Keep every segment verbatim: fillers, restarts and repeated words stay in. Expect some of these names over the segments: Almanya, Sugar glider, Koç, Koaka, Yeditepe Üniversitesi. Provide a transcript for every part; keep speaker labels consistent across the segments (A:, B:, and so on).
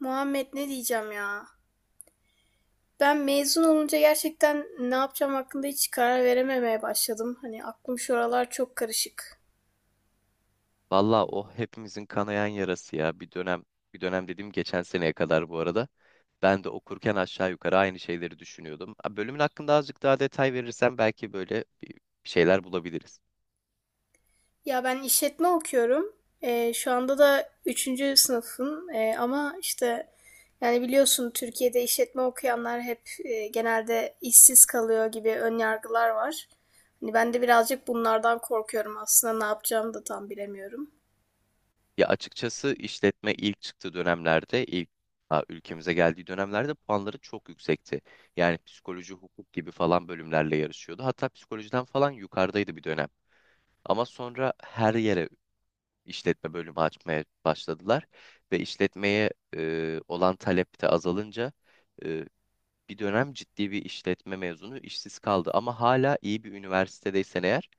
A: Muhammed, ne diyeceğim ya? Ben mezun olunca gerçekten ne yapacağım hakkında hiç karar verememeye başladım. Hani aklım şuralar çok karışık.
B: Valla o hepimizin kanayan yarası ya. Bir dönem, bir dönem dediğim geçen seneye kadar bu arada. Ben de okurken aşağı yukarı aynı şeyleri düşünüyordum. Ha, bölümün hakkında azıcık daha detay verirsen belki böyle bir bir şeyler bulabiliriz.
A: Ya ben işletme okuyorum. Ee, şu anda da üçüncü sınıfım. Ee, ama işte yani biliyorsun, Türkiye'de işletme okuyanlar hep e, genelde işsiz kalıyor gibi ön yargılar var. Hani ben de birazcık bunlardan korkuyorum. Aslında ne yapacağımı da tam bilemiyorum.
B: Ya açıkçası işletme ilk çıktığı dönemlerde, ilk ha, ülkemize geldiği dönemlerde puanları çok yüksekti. Yani psikoloji, hukuk gibi falan bölümlerle yarışıyordu. Hatta psikolojiden falan yukarıdaydı bir dönem. Ama sonra her yere işletme bölümü açmaya başladılar ve işletmeye e, olan talep de azalınca e, bir dönem ciddi bir işletme mezunu işsiz kaldı ama hala iyi bir üniversitedeysen eğer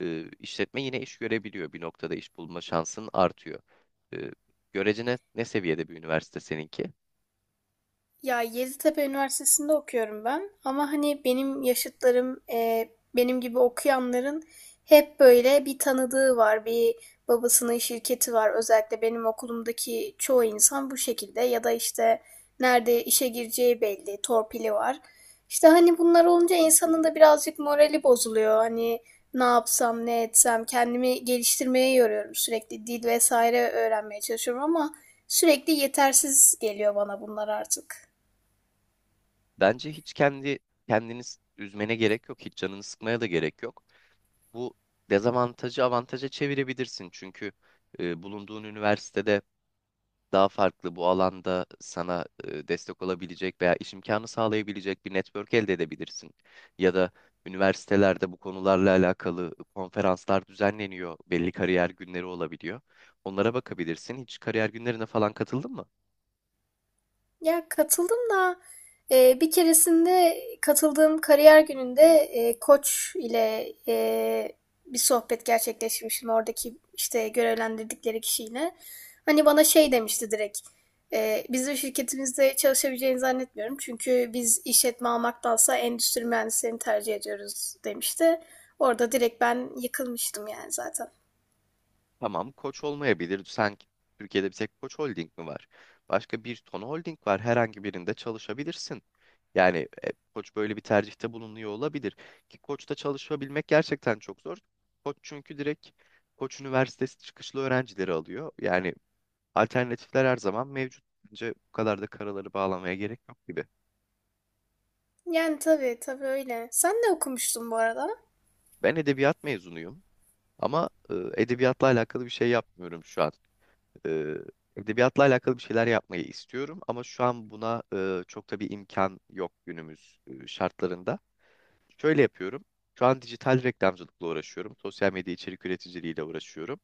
B: e, işletme yine iş görebiliyor. Bir noktada iş bulma şansın artıyor. E, Görece ne, ne seviyede bir üniversite seninki?
A: Ya Yeditepe Üniversitesi'nde okuyorum ben, ama hani benim yaşıtlarım e, benim gibi okuyanların hep böyle bir tanıdığı var, bir babasının şirketi var. Özellikle benim okulumdaki çoğu insan bu şekilde, ya da işte nerede işe gireceği belli, torpili var. İşte hani bunlar olunca insanın da birazcık morali bozuluyor. Hani ne yapsam, ne etsem kendimi geliştirmeye yoruyorum. Sürekli dil vesaire öğrenmeye çalışıyorum, ama sürekli yetersiz geliyor bana bunlar artık.
B: Bence hiç kendi kendiniz üzmene gerek yok, hiç canını sıkmaya da gerek yok. Bu dezavantajı avantaja çevirebilirsin çünkü e, bulunduğun üniversitede daha farklı bu alanda sana e, destek olabilecek veya iş imkanı sağlayabilecek bir network elde edebilirsin. Ya da üniversitelerde bu konularla alakalı konferanslar düzenleniyor. Belli kariyer günleri olabiliyor. Onlara bakabilirsin. Hiç kariyer günlerine falan katıldın mı?
A: Ya katıldım da e, bir keresinde katıldığım kariyer gününde e, Koç ile e, bir sohbet gerçekleşmiştim oradaki işte görevlendirdikleri kişiyle. Hani bana şey demişti direkt. E, bizim şirketimizde çalışabileceğini zannetmiyorum. Çünkü biz işletme almaktansa endüstri mühendislerini tercih ediyoruz, demişti. Orada direkt ben yıkılmıştım yani zaten.
B: Tamam, Koç olmayabilir. Sen Türkiye'de bir tek Koç Holding mi var? Başka bir ton holding var. Herhangi birinde çalışabilirsin. Yani e, Koç böyle bir tercihte bulunuyor olabilir. Ki Koç'ta çalışabilmek gerçekten çok zor. Koç çünkü direkt Koç Üniversitesi çıkışlı öğrencileri alıyor. Yani alternatifler her zaman mevcut. Bence bu kadar da karaları bağlamaya gerek yok gibi.
A: Yani tabii tabii, öyle. Sen ne okumuştun bu arada?
B: Ben edebiyat mezunuyum ama e, edebiyatla alakalı bir şey yapmıyorum şu an. e, Edebiyatla alakalı bir şeyler yapmayı istiyorum ama şu an buna e, çok da bir imkan yok günümüz e, şartlarında. Şöyle yapıyorum. Şu an dijital reklamcılıkla uğraşıyorum. Sosyal medya içerik üreticiliğiyle uğraşıyorum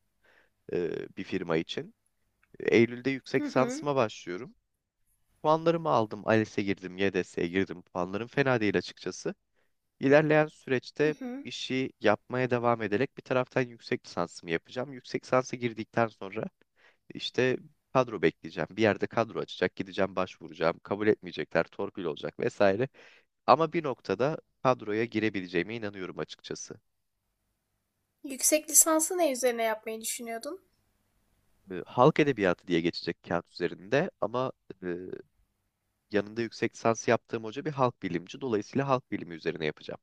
B: e, bir firma için. Eylül'de yüksek
A: Hı hı.
B: lisansıma başlıyorum. Puanlarımı aldım. ALES'e girdim, Y D S'ye girdim. Puanlarım fena değil açıkçası. İlerleyen
A: Hı
B: süreçte
A: hı.
B: işi yapmaya devam ederek bir taraftan yüksek lisansımı yapacağım. Yüksek lisansa girdikten sonra işte kadro bekleyeceğim. Bir yerde kadro açacak. Gideceğim başvuracağım. Kabul etmeyecekler. Torpil olacak vesaire. Ama bir noktada kadroya girebileceğime inanıyorum açıkçası.
A: Yüksek lisansı ne üzerine yapmayı düşünüyordun?
B: E, Halk edebiyatı diye geçecek kağıt üzerinde ama e, yanında yüksek lisans yaptığım hoca bir halk bilimci. Dolayısıyla halk bilimi üzerine yapacağım.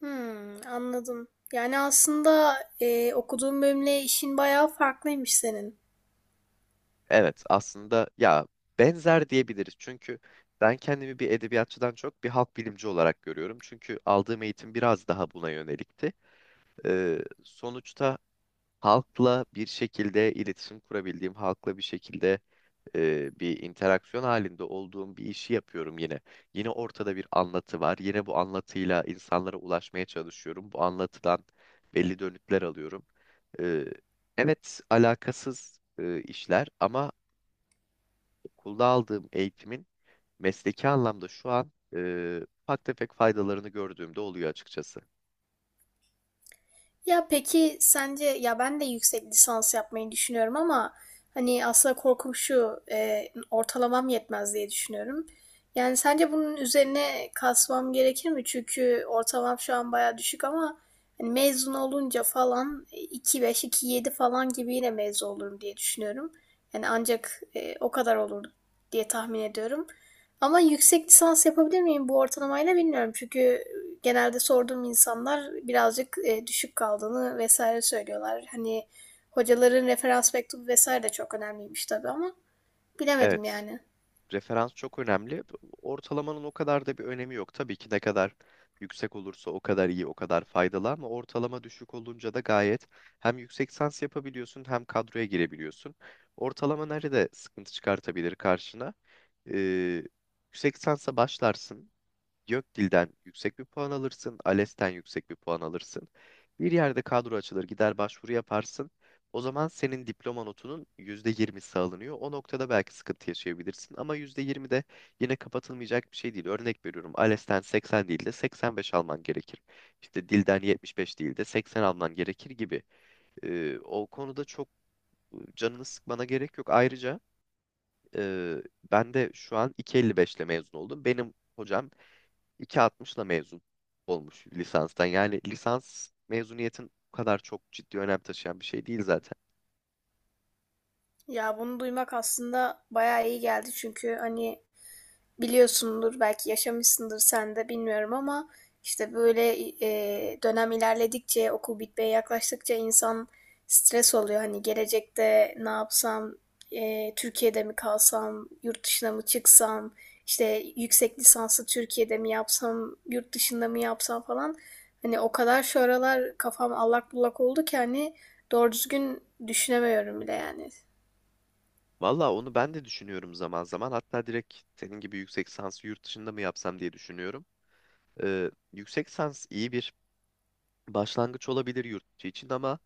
A: Hmm, anladım. Yani aslında e, okuduğun bölümle işin bayağı farklıymış senin.
B: Evet aslında ya benzer diyebiliriz. Çünkü ben kendimi bir edebiyatçıdan çok bir halk bilimci olarak görüyorum. Çünkü aldığım eğitim biraz daha buna yönelikti. Ee, sonuçta halkla bir şekilde iletişim kurabildiğim, halkla bir şekilde e, bir interaksiyon halinde olduğum bir işi yapıyorum yine. Yine ortada bir anlatı var. Yine bu anlatıyla insanlara ulaşmaya çalışıyorum. Bu anlatıdan belli dönütler alıyorum. E, evet, alakasız e, işler ama okulda aldığım eğitimin mesleki anlamda şu an e, ufak tefek faydalarını gördüğümde oluyor açıkçası.
A: Ya peki sence, ya ben de yüksek lisans yapmayı düşünüyorum ama hani aslında korkum şu: e, ortalamam yetmez diye düşünüyorum. Yani sence bunun üzerine kasmam gerekir mi? Çünkü ortalamam şu an baya düşük, ama hani mezun olunca falan e, iki beş iki yedi falan gibi yine mezun olurum diye düşünüyorum. Yani ancak e, o kadar olur diye tahmin ediyorum. Ama yüksek lisans yapabilir miyim bu ortalamayla, bilmiyorum. Çünkü genelde sorduğum insanlar birazcık e, düşük kaldığını vesaire söylüyorlar. Hani hocaların referans mektubu vesaire de çok önemliymiş tabii, ama bilemedim
B: Evet.
A: yani.
B: Referans çok önemli. Ortalamanın o kadar da bir önemi yok. Tabii ki ne kadar yüksek olursa o kadar iyi, o kadar faydalı ama ortalama düşük olunca da gayet hem yüksek lisans yapabiliyorsun hem kadroya girebiliyorsun. Ortalama nerede sıkıntı çıkartabilir karşına? Ee, Yüksek lisansa başlarsın. Gökdil'den yüksek bir puan alırsın, ALES'ten yüksek bir puan alırsın. Bir yerde kadro açılır, gider başvuru yaparsın. O zaman senin diploma notunun yüzde yirmisi alınıyor. O noktada belki sıkıntı yaşayabilirsin ama yüzde yirmi de yine kapatılmayacak bir şey değil. Örnek veriyorum, ALES'ten seksen değil de seksen beş alman gerekir. İşte dilden yetmiş beş değil de seksen alman gerekir gibi. Ee, o konuda çok canını sıkmana gerek yok. Ayrıca e, ben de şu an iki virgül elli beş ile mezun oldum. Benim hocam iki virgül altmışla mezun olmuş lisanstan. Yani lisans mezuniyetin bu kadar çok ciddi önem taşıyan bir şey değil zaten.
A: Ya bunu duymak aslında bayağı iyi geldi, çünkü hani biliyorsundur, belki yaşamışsındır sen de bilmiyorum, ama işte böyle e, dönem ilerledikçe, okul bitmeye yaklaştıkça insan stres oluyor. Hani gelecekte ne yapsam, e, Türkiye'de mi kalsam, yurt dışına mı çıksam, işte yüksek lisansı Türkiye'de mi yapsam, yurt dışında mı yapsam falan. Hani o kadar şu aralar kafam allak bullak oldu ki hani doğru düzgün düşünemiyorum bile yani.
B: Valla onu ben de düşünüyorum zaman zaman. Hatta direkt senin gibi yüksek lisansı yurt dışında mı yapsam diye düşünüyorum. Ee, yüksek lisans iyi bir başlangıç olabilir yurt içi için ama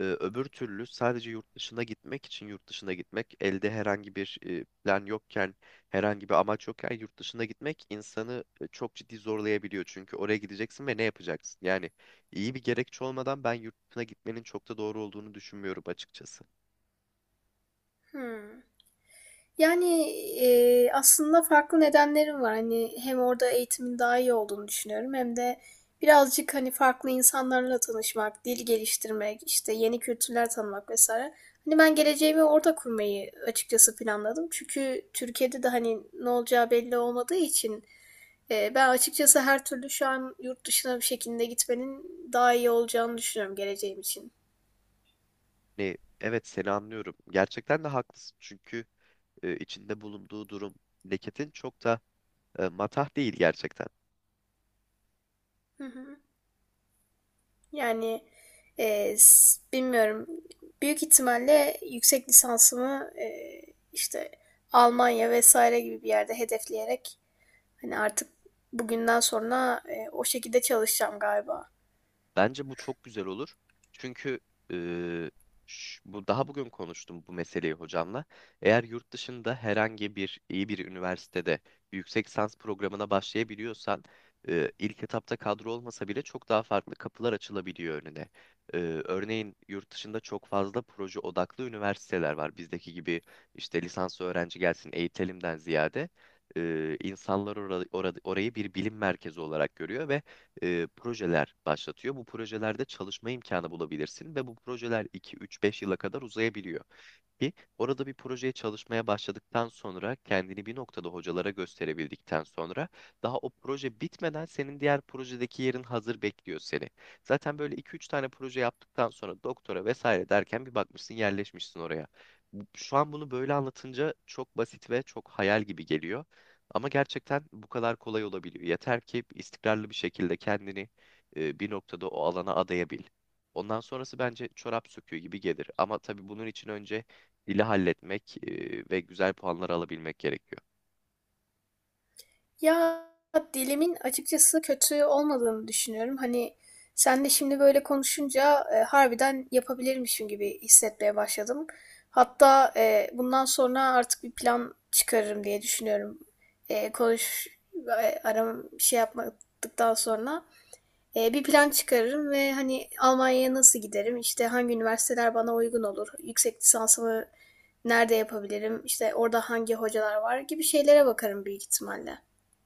B: e, öbür türlü sadece yurt dışına gitmek için yurt dışına gitmek elde herhangi bir e, plan yokken herhangi bir amaç yokken yurt dışına gitmek insanı e, çok ciddi zorlayabiliyor. Çünkü oraya gideceksin ve ne yapacaksın? Yani iyi bir gerekçe olmadan ben yurt dışına gitmenin çok da doğru olduğunu düşünmüyorum açıkçası.
A: Hmm. Yani, eee, aslında farklı nedenlerim var. Hani hem orada eğitimin daha iyi olduğunu düşünüyorum, hem de birazcık hani farklı insanlarla tanışmak, dil geliştirmek, işte yeni kültürler tanımak vesaire. Hani ben geleceğimi orada kurmayı açıkçası planladım. Çünkü Türkiye'de de hani ne olacağı belli olmadığı için eee, ben açıkçası her türlü şu an yurt dışına bir şekilde gitmenin daha iyi olacağını düşünüyorum geleceğim için.
B: Ne, evet seni anlıyorum. Gerçekten de haklısın. Çünkü e, içinde bulunduğu durum leketin çok da e, matah değil gerçekten.
A: Hı hı. Yani e, bilmiyorum. Büyük ihtimalle yüksek lisansımı e, işte Almanya vesaire gibi bir yerde hedefleyerek, hani artık bugünden sonra e, o şekilde çalışacağım galiba.
B: Bence bu çok güzel olur. Çünkü eee, ş- bu daha bugün konuştum bu meseleyi hocamla. Eğer yurt dışında herhangi bir iyi bir üniversitede yüksek lisans programına başlayabiliyorsan eee, ilk etapta kadro olmasa bile çok daha farklı kapılar açılabiliyor önüne. Eee, örneğin yurt dışında çok fazla proje odaklı üniversiteler var. Bizdeki gibi işte lisans öğrenci gelsin eğitelimden ziyade eee, insanlar ora- ora- orayı bir bilim merkezi olarak görüyor ve e, projeler başlatıyor. Bu projelerde çalışma imkanı bulabilirsin ve bu projeler iki, üç, beş yıla kadar uzayabiliyor ki orada bir projeye çalışmaya başladıktan sonra kendini bir noktada hocalara gösterebildikten sonra daha o proje bitmeden senin diğer projedeki yerin hazır bekliyor seni. Zaten böyle iki üç tane proje yaptıktan sonra doktora vesaire derken bir bakmışsın yerleşmişsin oraya. Bu- Şu an bunu böyle anlatınca çok basit ve çok hayal gibi geliyor. Ama gerçekten bu kadar kolay olabiliyor. Yeter ki istikrarlı bir şekilde kendini e, bir noktada o alana adayabil. Ondan sonrası bence çorap söküğü gibi gelir. Ama tabii bunun için önce dili halletmek e, ve güzel puanlar alabilmek gerekiyor.
A: Ya dilimin açıkçası kötü olmadığını düşünüyorum. Hani sen de şimdi böyle konuşunca e, harbiden yapabilirmişim gibi hissetmeye başladım. Hatta e, bundan sonra artık bir plan çıkarırım diye düşünüyorum. E, konuş, e, aram şey yapmadıktan sonra, e, bir plan çıkarırım ve hani Almanya'ya nasıl giderim? İşte hangi üniversiteler bana uygun olur? Yüksek lisansımı nerede yapabilirim? İşte orada hangi hocalar var gibi şeylere bakarım büyük ihtimalle.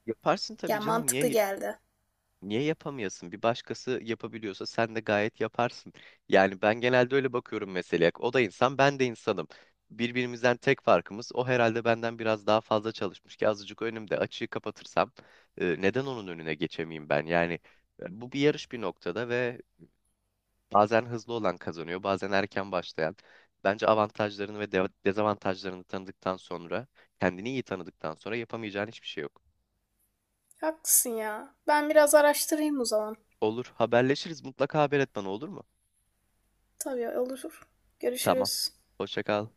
B: Yaparsın tabii
A: Ya
B: canım.
A: mantıklı
B: Niye
A: geldi.
B: niye yapamayasın? Bir başkası yapabiliyorsa sen de gayet yaparsın. Yani ben genelde öyle bakıyorum meseleye. O da insan, ben de insanım. Birbirimizden tek farkımız o herhalde benden biraz daha fazla çalışmış ki azıcık önümde açığı kapatırsam e, neden onun önüne geçemeyeyim ben? Yani e, bu bir yarış bir noktada ve bazen hızlı olan kazanıyor, bazen erken başlayan. Bence avantajlarını ve de- dezavantajlarını tanıdıktan sonra, kendini iyi tanıdıktan sonra yapamayacağın hiçbir şey yok.
A: Haklısın ya. Ben biraz araştırayım o zaman.
B: Olur, haberleşiriz. Mutlaka haber et bana olur mu?
A: Tabii, olur.
B: Tamam.
A: Görüşürüz.
B: Hoşça kal.